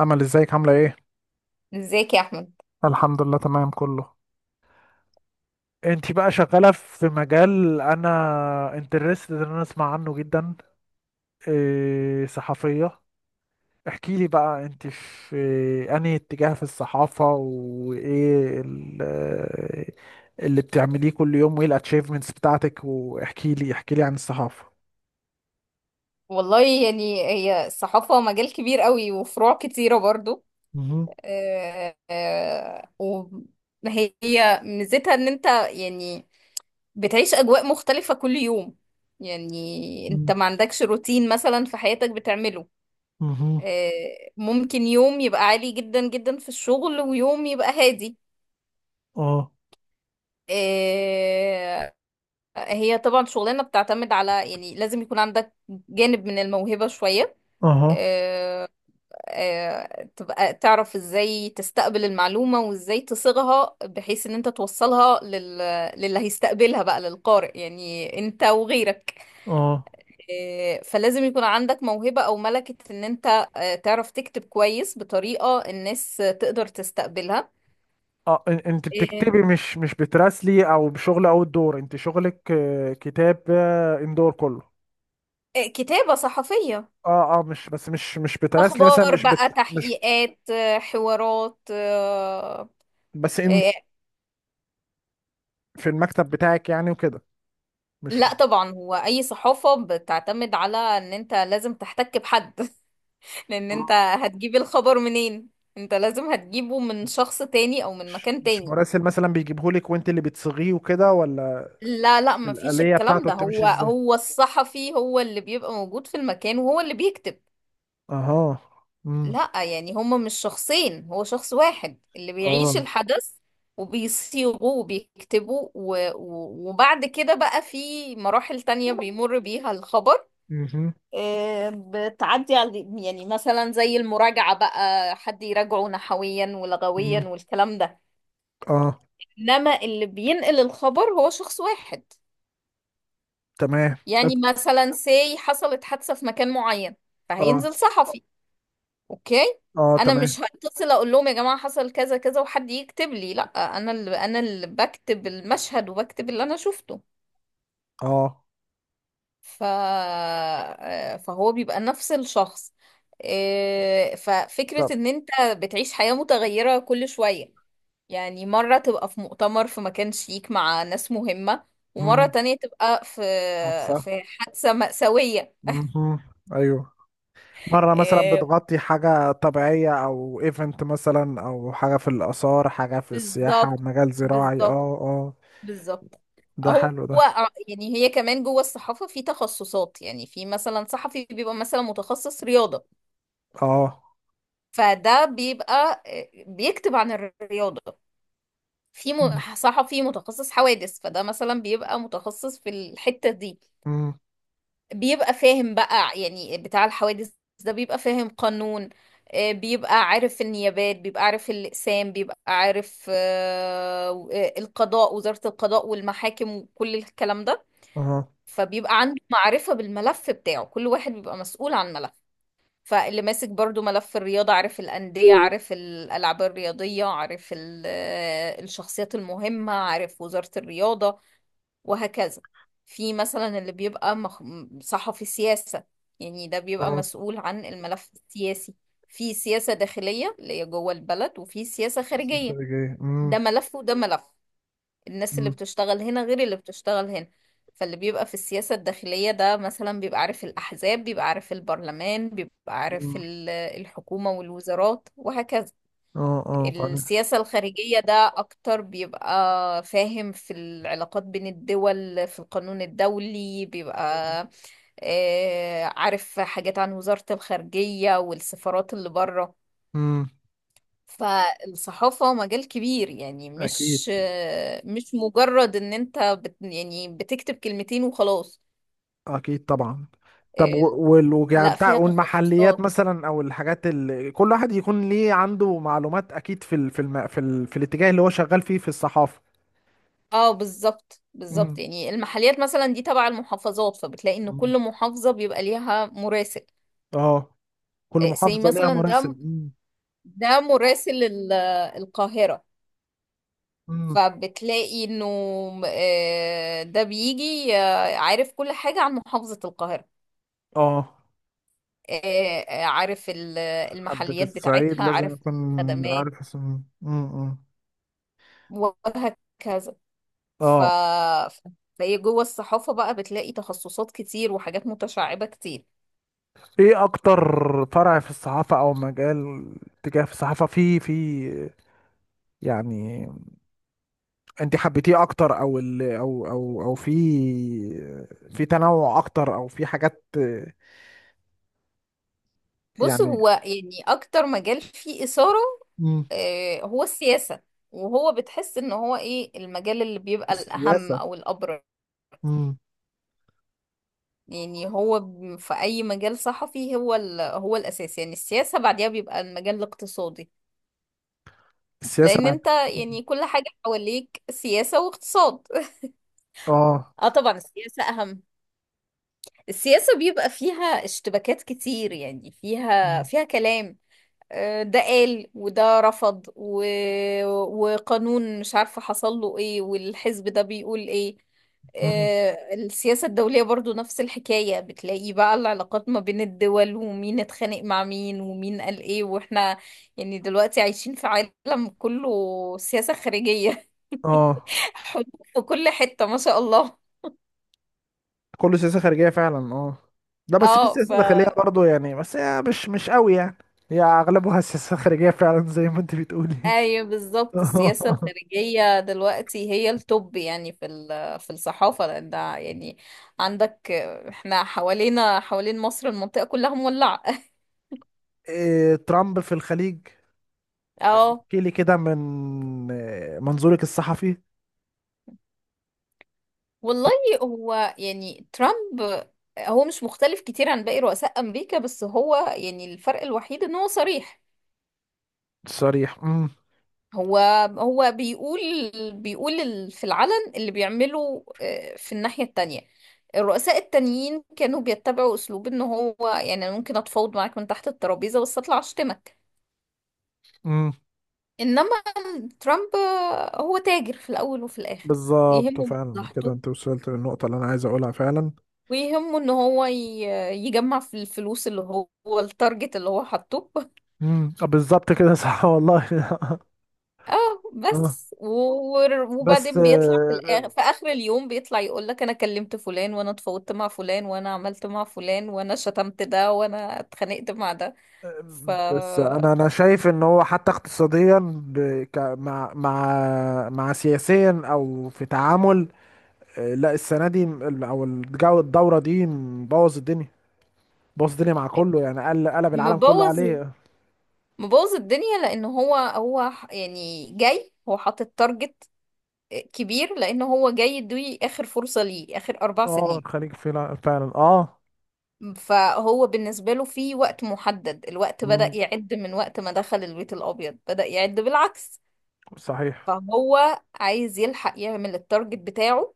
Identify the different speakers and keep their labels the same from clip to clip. Speaker 1: امل، ازيك؟ عامله ايه؟
Speaker 2: ازيك يا احمد.
Speaker 1: الحمد لله، تمام كله. انتي بقى شغاله في مجال انا انترستد ان انا اسمع عنه جدا. إيه، صحفيه؟ احكي لي بقى، انتي في انهي اتجاه في الصحافه؟ وايه اللي بتعمليه كل يوم؟ وايه الاتشيفمنتس بتاعتك؟ واحكي لي احكي لي عن الصحافه.
Speaker 2: والله يعني هي الصحافة مجال كبير قوي وفروع كتيرة برضو.
Speaker 1: مهم.
Speaker 2: وهي ميزتها ان انت يعني بتعيش اجواء مختلفة كل يوم، يعني انت
Speaker 1: مهم.
Speaker 2: ما عندكش روتين مثلا في حياتك بتعمله.
Speaker 1: مهم.
Speaker 2: ممكن يوم يبقى عالي جدا جدا في الشغل ويوم يبقى هادي.
Speaker 1: اه.
Speaker 2: آه، هي طبعا شغلانة بتعتمد على، يعني لازم يكون عندك جانب من الموهبة شوية،
Speaker 1: اها.
Speaker 2: آه، تبقى تعرف ازاي تستقبل المعلومة وازاي تصيغها بحيث ان انت توصلها للي هيستقبلها بقى، للقارئ يعني انت وغيرك.
Speaker 1: اه.
Speaker 2: فلازم يكون عندك موهبة او ملكة ان انت تعرف تكتب كويس بطريقة الناس تقدر تستقبلها.
Speaker 1: اه. انت
Speaker 2: آه،
Speaker 1: بتكتبي، مش بتراسلي او بشغل اوت دور، انت شغلك كتاب اندور كله.
Speaker 2: كتابة صحفية،
Speaker 1: اه، اه، مش بس مش بتراسلي مثلا،
Speaker 2: اخبار
Speaker 1: مش
Speaker 2: بقى،
Speaker 1: بت مش
Speaker 2: تحقيقات، حوارات.
Speaker 1: بس ان
Speaker 2: آه،
Speaker 1: في المكتب بتاعك يعني وكده، مش
Speaker 2: لا طبعا، هو اي صحافة بتعتمد على ان انت لازم تحتك بحد لان انت هتجيب الخبر منين؟ انت لازم هتجيبه من شخص تاني او من
Speaker 1: مش
Speaker 2: مكان
Speaker 1: مش
Speaker 2: تاني.
Speaker 1: مراسل مثلا بيجيبهولك وانت اللي بتصيغيه وكده، ولا؟
Speaker 2: لا لا، مفيش
Speaker 1: الآلية
Speaker 2: الكلام
Speaker 1: بتاعته
Speaker 2: ده،
Speaker 1: بتمشي
Speaker 2: هو
Speaker 1: ازاي؟
Speaker 2: هو الصحفي هو اللي بيبقى موجود في المكان وهو اللي بيكتب.
Speaker 1: اها. امم.
Speaker 2: لا، يعني هما مش شخصين، هو شخص واحد اللي بيعيش
Speaker 1: اه.
Speaker 2: الحدث وبيصيغه وبيكتبه، وبعد كده بقى في مراحل تانية بيمر بيها الخبر،
Speaker 1: امم.
Speaker 2: بتعدي على، يعني مثلا زي المراجعة بقى، حد يراجعه نحويا ولغويا
Speaker 1: امم.
Speaker 2: والكلام ده،
Speaker 1: اه.
Speaker 2: انما اللي بينقل الخبر هو شخص واحد.
Speaker 1: تمام. طب.
Speaker 2: يعني مثلا سي حصلت حادثة في مكان معين،
Speaker 1: اه،
Speaker 2: فهينزل صحفي. اوكي،
Speaker 1: اه،
Speaker 2: انا
Speaker 1: تمام،
Speaker 2: مش هتصل اقول لهم يا جماعة حصل كذا كذا وحد يكتب لي، لا، انا اللي بكتب المشهد وبكتب اللي انا شفته.
Speaker 1: اه.
Speaker 2: ف... آه، فهو بيبقى نفس الشخص. إيه،
Speaker 1: طب.
Speaker 2: ففكرة ان انت بتعيش حياة متغيرة كل شوية، يعني مرة تبقى في مؤتمر في مكان شيك مع ناس مهمة، ومرة
Speaker 1: امم.
Speaker 2: تانية تبقى في
Speaker 1: حادثة.
Speaker 2: في حادثة مأساوية.
Speaker 1: امم. ايوه. مرة مثلا
Speaker 2: إيه،
Speaker 1: بتغطي حاجة طبيعية أو ايفنت مثلا، أو حاجة في الآثار، حاجة في السياحة،
Speaker 2: بالظبط،
Speaker 1: مجال زراعي، اه،
Speaker 2: بالظبط،
Speaker 1: اه.
Speaker 2: بالظبط.
Speaker 1: ده
Speaker 2: هو
Speaker 1: حلو ده.
Speaker 2: هو يعني هي كمان جوه الصحافة في تخصصات، يعني في مثلا صحفي بيبقى مثلا متخصص رياضة،
Speaker 1: اه.
Speaker 2: فده بيبقى إيه، بيكتب عن الرياضة. في صحفي متخصص حوادث، فده مثلا بيبقى متخصص في الحتة دي،
Speaker 1: امم.
Speaker 2: بيبقى فاهم بقى يعني بتاع الحوادث. ده بيبقى فاهم قانون، بيبقى عارف النيابات، بيبقى عارف الأقسام، بيبقى عارف القضاء، وزارة القضاء والمحاكم وكل الكلام ده.
Speaker 1: اه.
Speaker 2: فبيبقى عنده معرفة بالملف بتاعه، كل واحد بيبقى مسؤول عن ملف. فاللي ماسك برضو ملف الرياضة عارف الأندية، عارف الألعاب الرياضية، عارف الشخصيات المهمة، عارف وزارة الرياضة وهكذا. في مثلا اللي بيبقى صحفي سياسة، يعني ده بيبقى
Speaker 1: اه.
Speaker 2: مسؤول عن الملف السياسي. في سياسة داخلية اللي هي جوه البلد، وفي سياسة خارجية.
Speaker 1: استراتيجية.
Speaker 2: ده
Speaker 1: امم.
Speaker 2: ملف وده ملف، الناس اللي
Speaker 1: امم.
Speaker 2: بتشتغل هنا غير اللي بتشتغل هنا. فاللي بيبقى في السياسة الداخلية ده مثلا بيبقى عارف الأحزاب، بيبقى عارف البرلمان، بيبقى
Speaker 1: أمم.
Speaker 2: عارف الحكومة والوزارات وهكذا.
Speaker 1: اه. اه. قانون.
Speaker 2: السياسة الخارجية ده أكتر، بيبقى فاهم في العلاقات بين الدول، في القانون الدولي، بيبقى عارف حاجات عن وزارة الخارجية والسفارات اللي بره.
Speaker 1: امم.
Speaker 2: فالصحافة مجال كبير، يعني
Speaker 1: أكيد.
Speaker 2: مش مجرد ان انت يعني بتكتب كلمتين وخلاص.
Speaker 1: أكيد طبعا. طب،
Speaker 2: ال-
Speaker 1: يعني
Speaker 2: لا،
Speaker 1: بتاع،
Speaker 2: فيها
Speaker 1: والمحليات
Speaker 2: تخصصات.
Speaker 1: مثلا أو الحاجات اللي كل واحد يكون ليه عنده معلومات أكيد في ال في الم... في, ال... في الاتجاه اللي هو شغال فيه في الصحافة؟
Speaker 2: اه بالظبط، بالظبط،
Speaker 1: امم.
Speaker 2: يعني المحليات مثلا دي تبع المحافظات، فبتلاقي ان
Speaker 1: أمم.
Speaker 2: كل محافظة بيبقى ليها مراسل.
Speaker 1: اه. كل
Speaker 2: زي
Speaker 1: محافظة ليها
Speaker 2: مثلا
Speaker 1: مراسم.
Speaker 2: ده
Speaker 1: مم.
Speaker 2: ده مراسل القاهرة.
Speaker 1: مم.
Speaker 2: فبتلاقي انه ده بيجي عارف كل حاجة عن محافظة القاهرة،
Speaker 1: اه،
Speaker 2: عارف
Speaker 1: حد في
Speaker 2: المحليات
Speaker 1: الصعيد
Speaker 2: بتاعتها،
Speaker 1: لازم
Speaker 2: عارف
Speaker 1: يكون
Speaker 2: الخدمات
Speaker 1: عارف اسمه. مم.
Speaker 2: وهكذا. ف
Speaker 1: اه،
Speaker 2: فهي جوه الصحافة بقى بتلاقي تخصصات كتير وحاجات متشعبة كتير.
Speaker 1: ايه اكتر فرع في الصحافة او مجال، تجاه في الصحافة، في يعني انت حبيتيه اكتر؟ او في في تنوع اكتر او في حاجات،
Speaker 2: بص،
Speaker 1: يعني.
Speaker 2: هو يعني أكتر مجال فيه إثارة
Speaker 1: مم.
Speaker 2: هو السياسة، وهو بتحس إن هو إيه المجال اللي بيبقى الأهم
Speaker 1: السياسة.
Speaker 2: أو الأبرز.
Speaker 1: مم.
Speaker 2: يعني هو في أي مجال صحفي هو الأساس، يعني السياسة، بعديها بيبقى المجال الاقتصادي،
Speaker 1: السياسة
Speaker 2: لأن
Speaker 1: بعد.
Speaker 2: أنت
Speaker 1: مم.
Speaker 2: يعني كل حاجة حواليك سياسة واقتصاد.
Speaker 1: اه.
Speaker 2: اه طبعا السياسة أهم. السياسة بيبقى فيها اشتباكات كتير، يعني فيها
Speaker 1: مم.
Speaker 2: فيها كلام، ده قال وده رفض وقانون مش عارفة حصل له ايه، والحزب ده بيقول ايه.
Speaker 1: مم.
Speaker 2: السياسة الدولية برضو نفس الحكاية، بتلاقي بقى العلاقات ما بين الدول، ومين اتخانق مع مين، ومين قال ايه، واحنا يعني دلوقتي عايشين في عالم كله سياسة خارجية.
Speaker 1: اه،
Speaker 2: حروب في كل حتة ما شاء الله.
Speaker 1: كله سياسة خارجية فعلا، اه. لا بس في
Speaker 2: اه.
Speaker 1: سياسة داخلية برضو، يعني بس هي مش قوي، يعني. هي اغلبها سياسة خارجية فعلا، زي ما انت بتقولي.
Speaker 2: ايوه بالظبط، السياسة الخارجية دلوقتي هي التوب يعني في في الصحافة، لان ده يعني عندك، احنا حوالينا، حوالين مصر المنطقة كلها مولعة.
Speaker 1: إيه، ترامب في الخليج؟
Speaker 2: اه
Speaker 1: احكي لي كده من منظورك الصحفي.
Speaker 2: والله، هو يعني ترامب هو مش مختلف كتير عن باقي رؤساء امريكا، بس هو يعني الفرق الوحيد ان هو صريح.
Speaker 1: الصريح. امم.
Speaker 2: هو هو بيقول، في العلن اللي بيعمله، في الناحية التانية الرؤساء التانيين كانوا بيتبعوا أسلوب إن هو يعني أنا ممكن أتفاوض معاك من تحت الترابيزة بس أطلع أشتمك.
Speaker 1: امم،
Speaker 2: إنما ترامب هو تاجر في الأول وفي الآخر.
Speaker 1: بالظبط
Speaker 2: يهمه
Speaker 1: فعلا كده،
Speaker 2: مصلحته،
Speaker 1: انت وصلت للنقطة اللي انا عايز اقولها فعلا.
Speaker 2: ويهمه إن هو يجمع في الفلوس، اللي هو التارجت اللي هو حاطه.
Speaker 1: امم، بالظبط كده، صح والله.
Speaker 2: اه،
Speaker 1: آه.
Speaker 2: بس
Speaker 1: بس،
Speaker 2: وبعدين بيطلع في الآخر، في آخر اليوم بيطلع يقول لك انا كلمت فلان، وانا اتفاوضت مع فلان، وانا عملت مع فلان، وانا شتمت ده، وانا اتخانقت مع ده. ف
Speaker 1: بس انا شايف ان هو حتى اقتصاديا، ب... ك... مع مع مع سياسيا او في تعامل. لا السنه دي، او الجو الدوره دي، مبوظ الدنيا. بوظ الدنيا مع كله، يعني قلب العالم كله
Speaker 2: مبوظ
Speaker 1: عليه.
Speaker 2: مبوظ الدنيا، لان هو يعني جاي، هو حاطط تارجت كبير، لان هو جاي يدوي اخر فرصة ليه، اخر اربع
Speaker 1: اه،
Speaker 2: سنين.
Speaker 1: الخليج فعلا فعلا، اه.
Speaker 2: فهو بالنسبة له في وقت محدد، الوقت بدأ
Speaker 1: مم،
Speaker 2: يعد من وقت ما دخل البيت الابيض، بدأ يعد بالعكس.
Speaker 1: صحيح.
Speaker 2: فهو عايز يلحق يعمل التارجت بتاعه،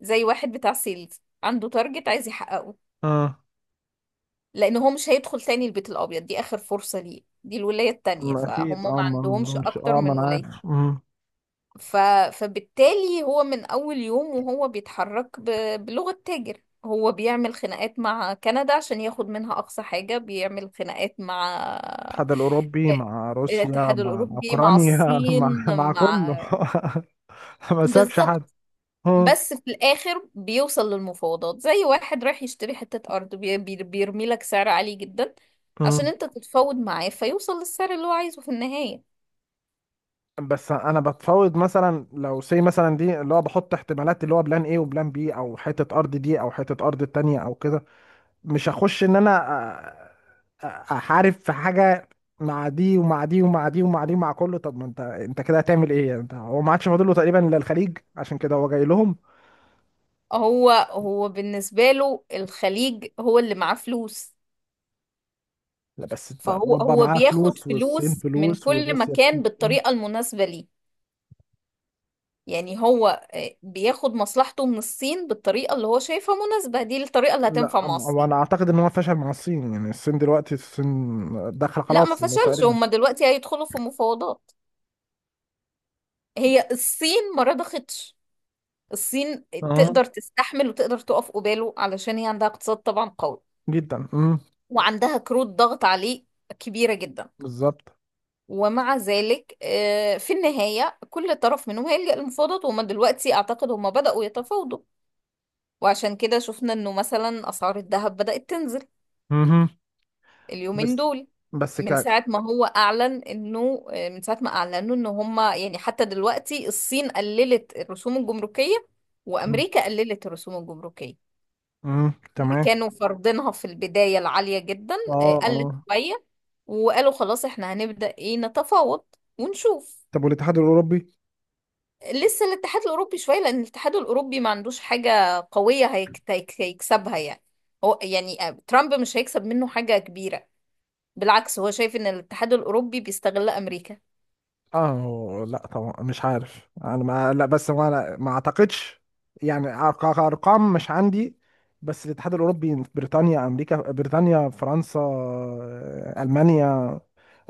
Speaker 2: زي واحد بتاع سيلز عنده تارجت عايز يحققه،
Speaker 1: اه.
Speaker 2: لان هو مش هيدخل تاني البيت الابيض، دي اخر فرصة ليه، دي الولاية التانية،
Speaker 1: مم،
Speaker 2: فهم
Speaker 1: اكيد. اه،
Speaker 2: ما
Speaker 1: ما
Speaker 2: عندهمش
Speaker 1: عندهمش،
Speaker 2: اكتر
Speaker 1: اه، ما
Speaker 2: من
Speaker 1: انا
Speaker 2: ولاية.
Speaker 1: عارف. مم.
Speaker 2: ف... فبالتالي هو من اول يوم وهو بيتحرك بلغة تاجر. هو بيعمل خناقات مع كندا عشان ياخد منها اقصى حاجة، بيعمل خناقات مع
Speaker 1: الاتحاد الاوروبي،
Speaker 2: آه،
Speaker 1: مع روسيا،
Speaker 2: الاتحاد
Speaker 1: مع
Speaker 2: الاوروبي، مع
Speaker 1: اوكرانيا، مع
Speaker 2: الصين،
Speaker 1: مع كله.
Speaker 2: مع،
Speaker 1: ما سابش حد.
Speaker 2: بالظبط. بس في الاخر بيوصل للمفاوضات، زي واحد رايح يشتري حتة ارض بيرمي لك سعر عالي جدا
Speaker 1: اه،
Speaker 2: عشان انت تتفاوض معاه، فيوصل للسعر اللي هو عايزه في النهاية.
Speaker 1: بس انا بتفاوض مثلا، لو سي مثلا دي اللي هو بحط احتمالات، اللي هو بلان ايه وبلان بي، او حته ارض دي او حته ارض التانية، او كده. مش هخش ان انا أ- احارب في حاجه، مع دي ومع دي ومع دي ومع دي ومع كله. طب ما انت كده هتعمل ايه يعني؟ انت هو ما عادش فاضل له تقريبا الا الخليج، عشان كده هو جاي لهم.
Speaker 2: هو بالنسبة له الخليج هو اللي معاه فلوس،
Speaker 1: لا بس ده،
Speaker 2: فهو
Speaker 1: اوروبا
Speaker 2: هو
Speaker 1: معاها
Speaker 2: بياخد
Speaker 1: فلوس والصين
Speaker 2: فلوس من
Speaker 1: فلوس
Speaker 2: كل
Speaker 1: وروسيا
Speaker 2: مكان
Speaker 1: فلوس.
Speaker 2: بالطريقة المناسبة ليه. يعني هو بياخد مصلحته من الصين بالطريقة اللي هو شايفها مناسبة، دي الطريقة اللي
Speaker 1: لا
Speaker 2: هتنفع مع
Speaker 1: هو
Speaker 2: الصين.
Speaker 1: انا اعتقد ان هو فشل مع الصين، يعني الصين دلوقتي، الصين داخله
Speaker 2: لا، ما
Speaker 1: خلاص
Speaker 2: فشلش،
Speaker 1: تقريبا.
Speaker 2: هما دلوقتي هيدخلوا في مفاوضات، هي الصين ما رضختش. الصين
Speaker 1: اه،
Speaker 2: تقدر تستحمل وتقدر تقف قباله، علشان هي عندها اقتصاد طبعا قوي،
Speaker 1: جدا.
Speaker 2: وعندها كروت ضغط عليه كبيرة جدا.
Speaker 1: بالظبط.
Speaker 2: ومع ذلك في النهاية كل طرف منهم هيلجأ للمفاوضات، وهم دلوقتي أعتقد هم بدأوا يتفاوضوا. وعشان كده شفنا إنه مثلا أسعار الذهب بدأت تنزل
Speaker 1: مهم.
Speaker 2: اليومين
Speaker 1: بس
Speaker 2: دول،
Speaker 1: بس
Speaker 2: من
Speaker 1: كعك.
Speaker 2: ساعة ما هو أعلن إنه من ساعة ما أعلنوا إن هم يعني، حتى دلوقتي الصين قللت الرسوم الجمركية
Speaker 1: مم.
Speaker 2: وأمريكا قللت الرسوم الجمركية.
Speaker 1: مم. تمام.
Speaker 2: كانوا فرضينها في البداية العالية جدا،
Speaker 1: اه.
Speaker 2: قلت
Speaker 1: اه.
Speaker 2: شوية، وقالوا خلاص احنا هنبدأ ايه نتفاوض ونشوف.
Speaker 1: طب، والاتحاد الاوروبي؟
Speaker 2: لسه الاتحاد الأوروبي شوية، لأن الاتحاد الأوروبي ما عندوش حاجة قوية هيكسبها يعني. هو يعني ترامب مش هيكسب منه حاجة كبيرة، بالعكس هو شايف ان الاتحاد الأوروبي بيستغل أمريكا.
Speaker 1: اه، لا طبعا مش عارف انا، ما لا بس ما أنا ما اعتقدش، يعني ارقام مش عندي. بس الاتحاد الاوروبي، بريطانيا، امريكا، بريطانيا، فرنسا، المانيا،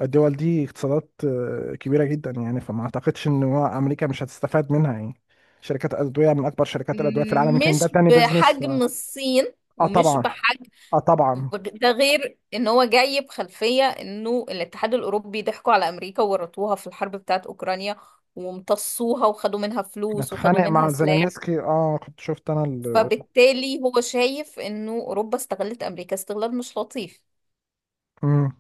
Speaker 1: الدول دي اقتصادات كبيره جدا، يعني فما اعتقدش ان هو امريكا مش هتستفاد منها، يعني. شركات ادويه من اكبر شركات الادويه في العالم، يمكن ده
Speaker 2: مش
Speaker 1: تاني بيزنس. ف
Speaker 2: بحجم الصين،
Speaker 1: اه
Speaker 2: ومش
Speaker 1: طبعا.
Speaker 2: بحجم،
Speaker 1: اه طبعا.
Speaker 2: ده غير ان هو جاي بخلفية انه الاتحاد الاوروبي ضحكوا على امريكا وورطوها في الحرب بتاعت اوكرانيا، وامتصوها وخدوا منها فلوس
Speaker 1: اتخانق
Speaker 2: وخدوا منها
Speaker 1: مع
Speaker 2: سلاح.
Speaker 1: زيلينسكي، اه، كنت شفت انا ال...
Speaker 2: فبالتالي هو شايف انه اوروبا استغلت امريكا استغلال مش لطيف،
Speaker 1: امم.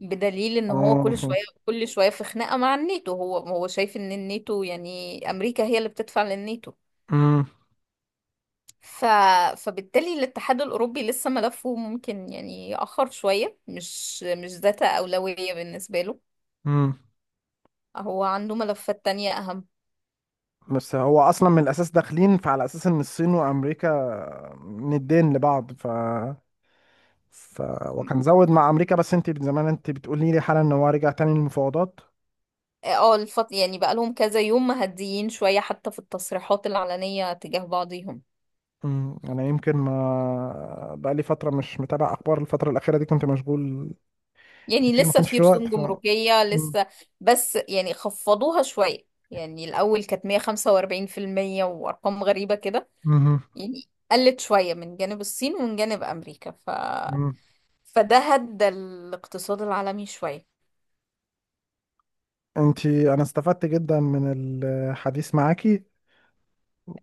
Speaker 2: بدليل ان هو
Speaker 1: اه.
Speaker 2: كل شوية كل شوية في خناقة مع الناتو. هو شايف ان الناتو يعني امريكا هي اللي بتدفع للناتو.
Speaker 1: امم.
Speaker 2: ف... فبالتالي الاتحاد الأوروبي لسه ملفه ممكن يعني يأخر شوية، مش ذات أولوية بالنسبة له،
Speaker 1: امم.
Speaker 2: هو عنده ملفات تانية أهم.
Speaker 1: بس هو اصلا من الاساس داخلين، فعلى اساس ان الصين وامريكا ندين لبعض. ف وكان زود مع امريكا، بس انت زمان، انت بتقولي لي حالا ان هو رجع تاني للمفاوضات.
Speaker 2: اه يعني بقالهم كذا يوم مهديين شوية حتى في التصريحات العلنية تجاه بعضهم.
Speaker 1: امم، انا يمكن ما بقى لي فتره مش متابع اخبار، الفتره الاخيره دي كنت مشغول
Speaker 2: يعني
Speaker 1: كتير، ما
Speaker 2: لسه
Speaker 1: كانش
Speaker 2: في
Speaker 1: في
Speaker 2: رسوم
Speaker 1: وقت. ف
Speaker 2: جمركية لسه، بس يعني خفضوها شوية، يعني الأول كانت 145% وأرقام غريبة كده، يعني قلت شوية من جانب الصين ومن جانب أمريكا.
Speaker 1: امم،
Speaker 2: فده هدى الاقتصاد العالمي شوية.
Speaker 1: انا استفدت جدا من الحديث معاكي،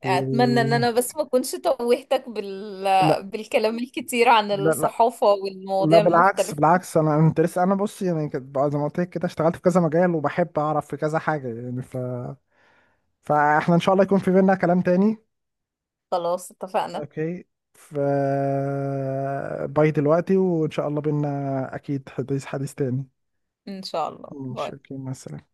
Speaker 2: أتمنى إن
Speaker 1: و
Speaker 2: أنا بس ما أكونش توهتك
Speaker 1: لا
Speaker 2: بالكلام الكتير عن
Speaker 1: لا لا
Speaker 2: الصحافة
Speaker 1: لا،
Speaker 2: والمواضيع
Speaker 1: بالعكس
Speaker 2: المختلفة.
Speaker 1: بالعكس، انا انت لسه انا بصي يعني، كنت بقى زي ما قلت لك كده، اشتغلت في كذا مجال وبحب اعرف في كذا حاجه، يعني. ف فاحنا ان شاء الله يكون في بينا كلام تاني.
Speaker 2: خلاص اتفقنا.
Speaker 1: اوكي. ف باي دلوقتي، وان شاء الله بينا اكيد حديث تاني.
Speaker 2: ان شاء الله،
Speaker 1: ماشي،
Speaker 2: باي.
Speaker 1: اوكي، مثلا.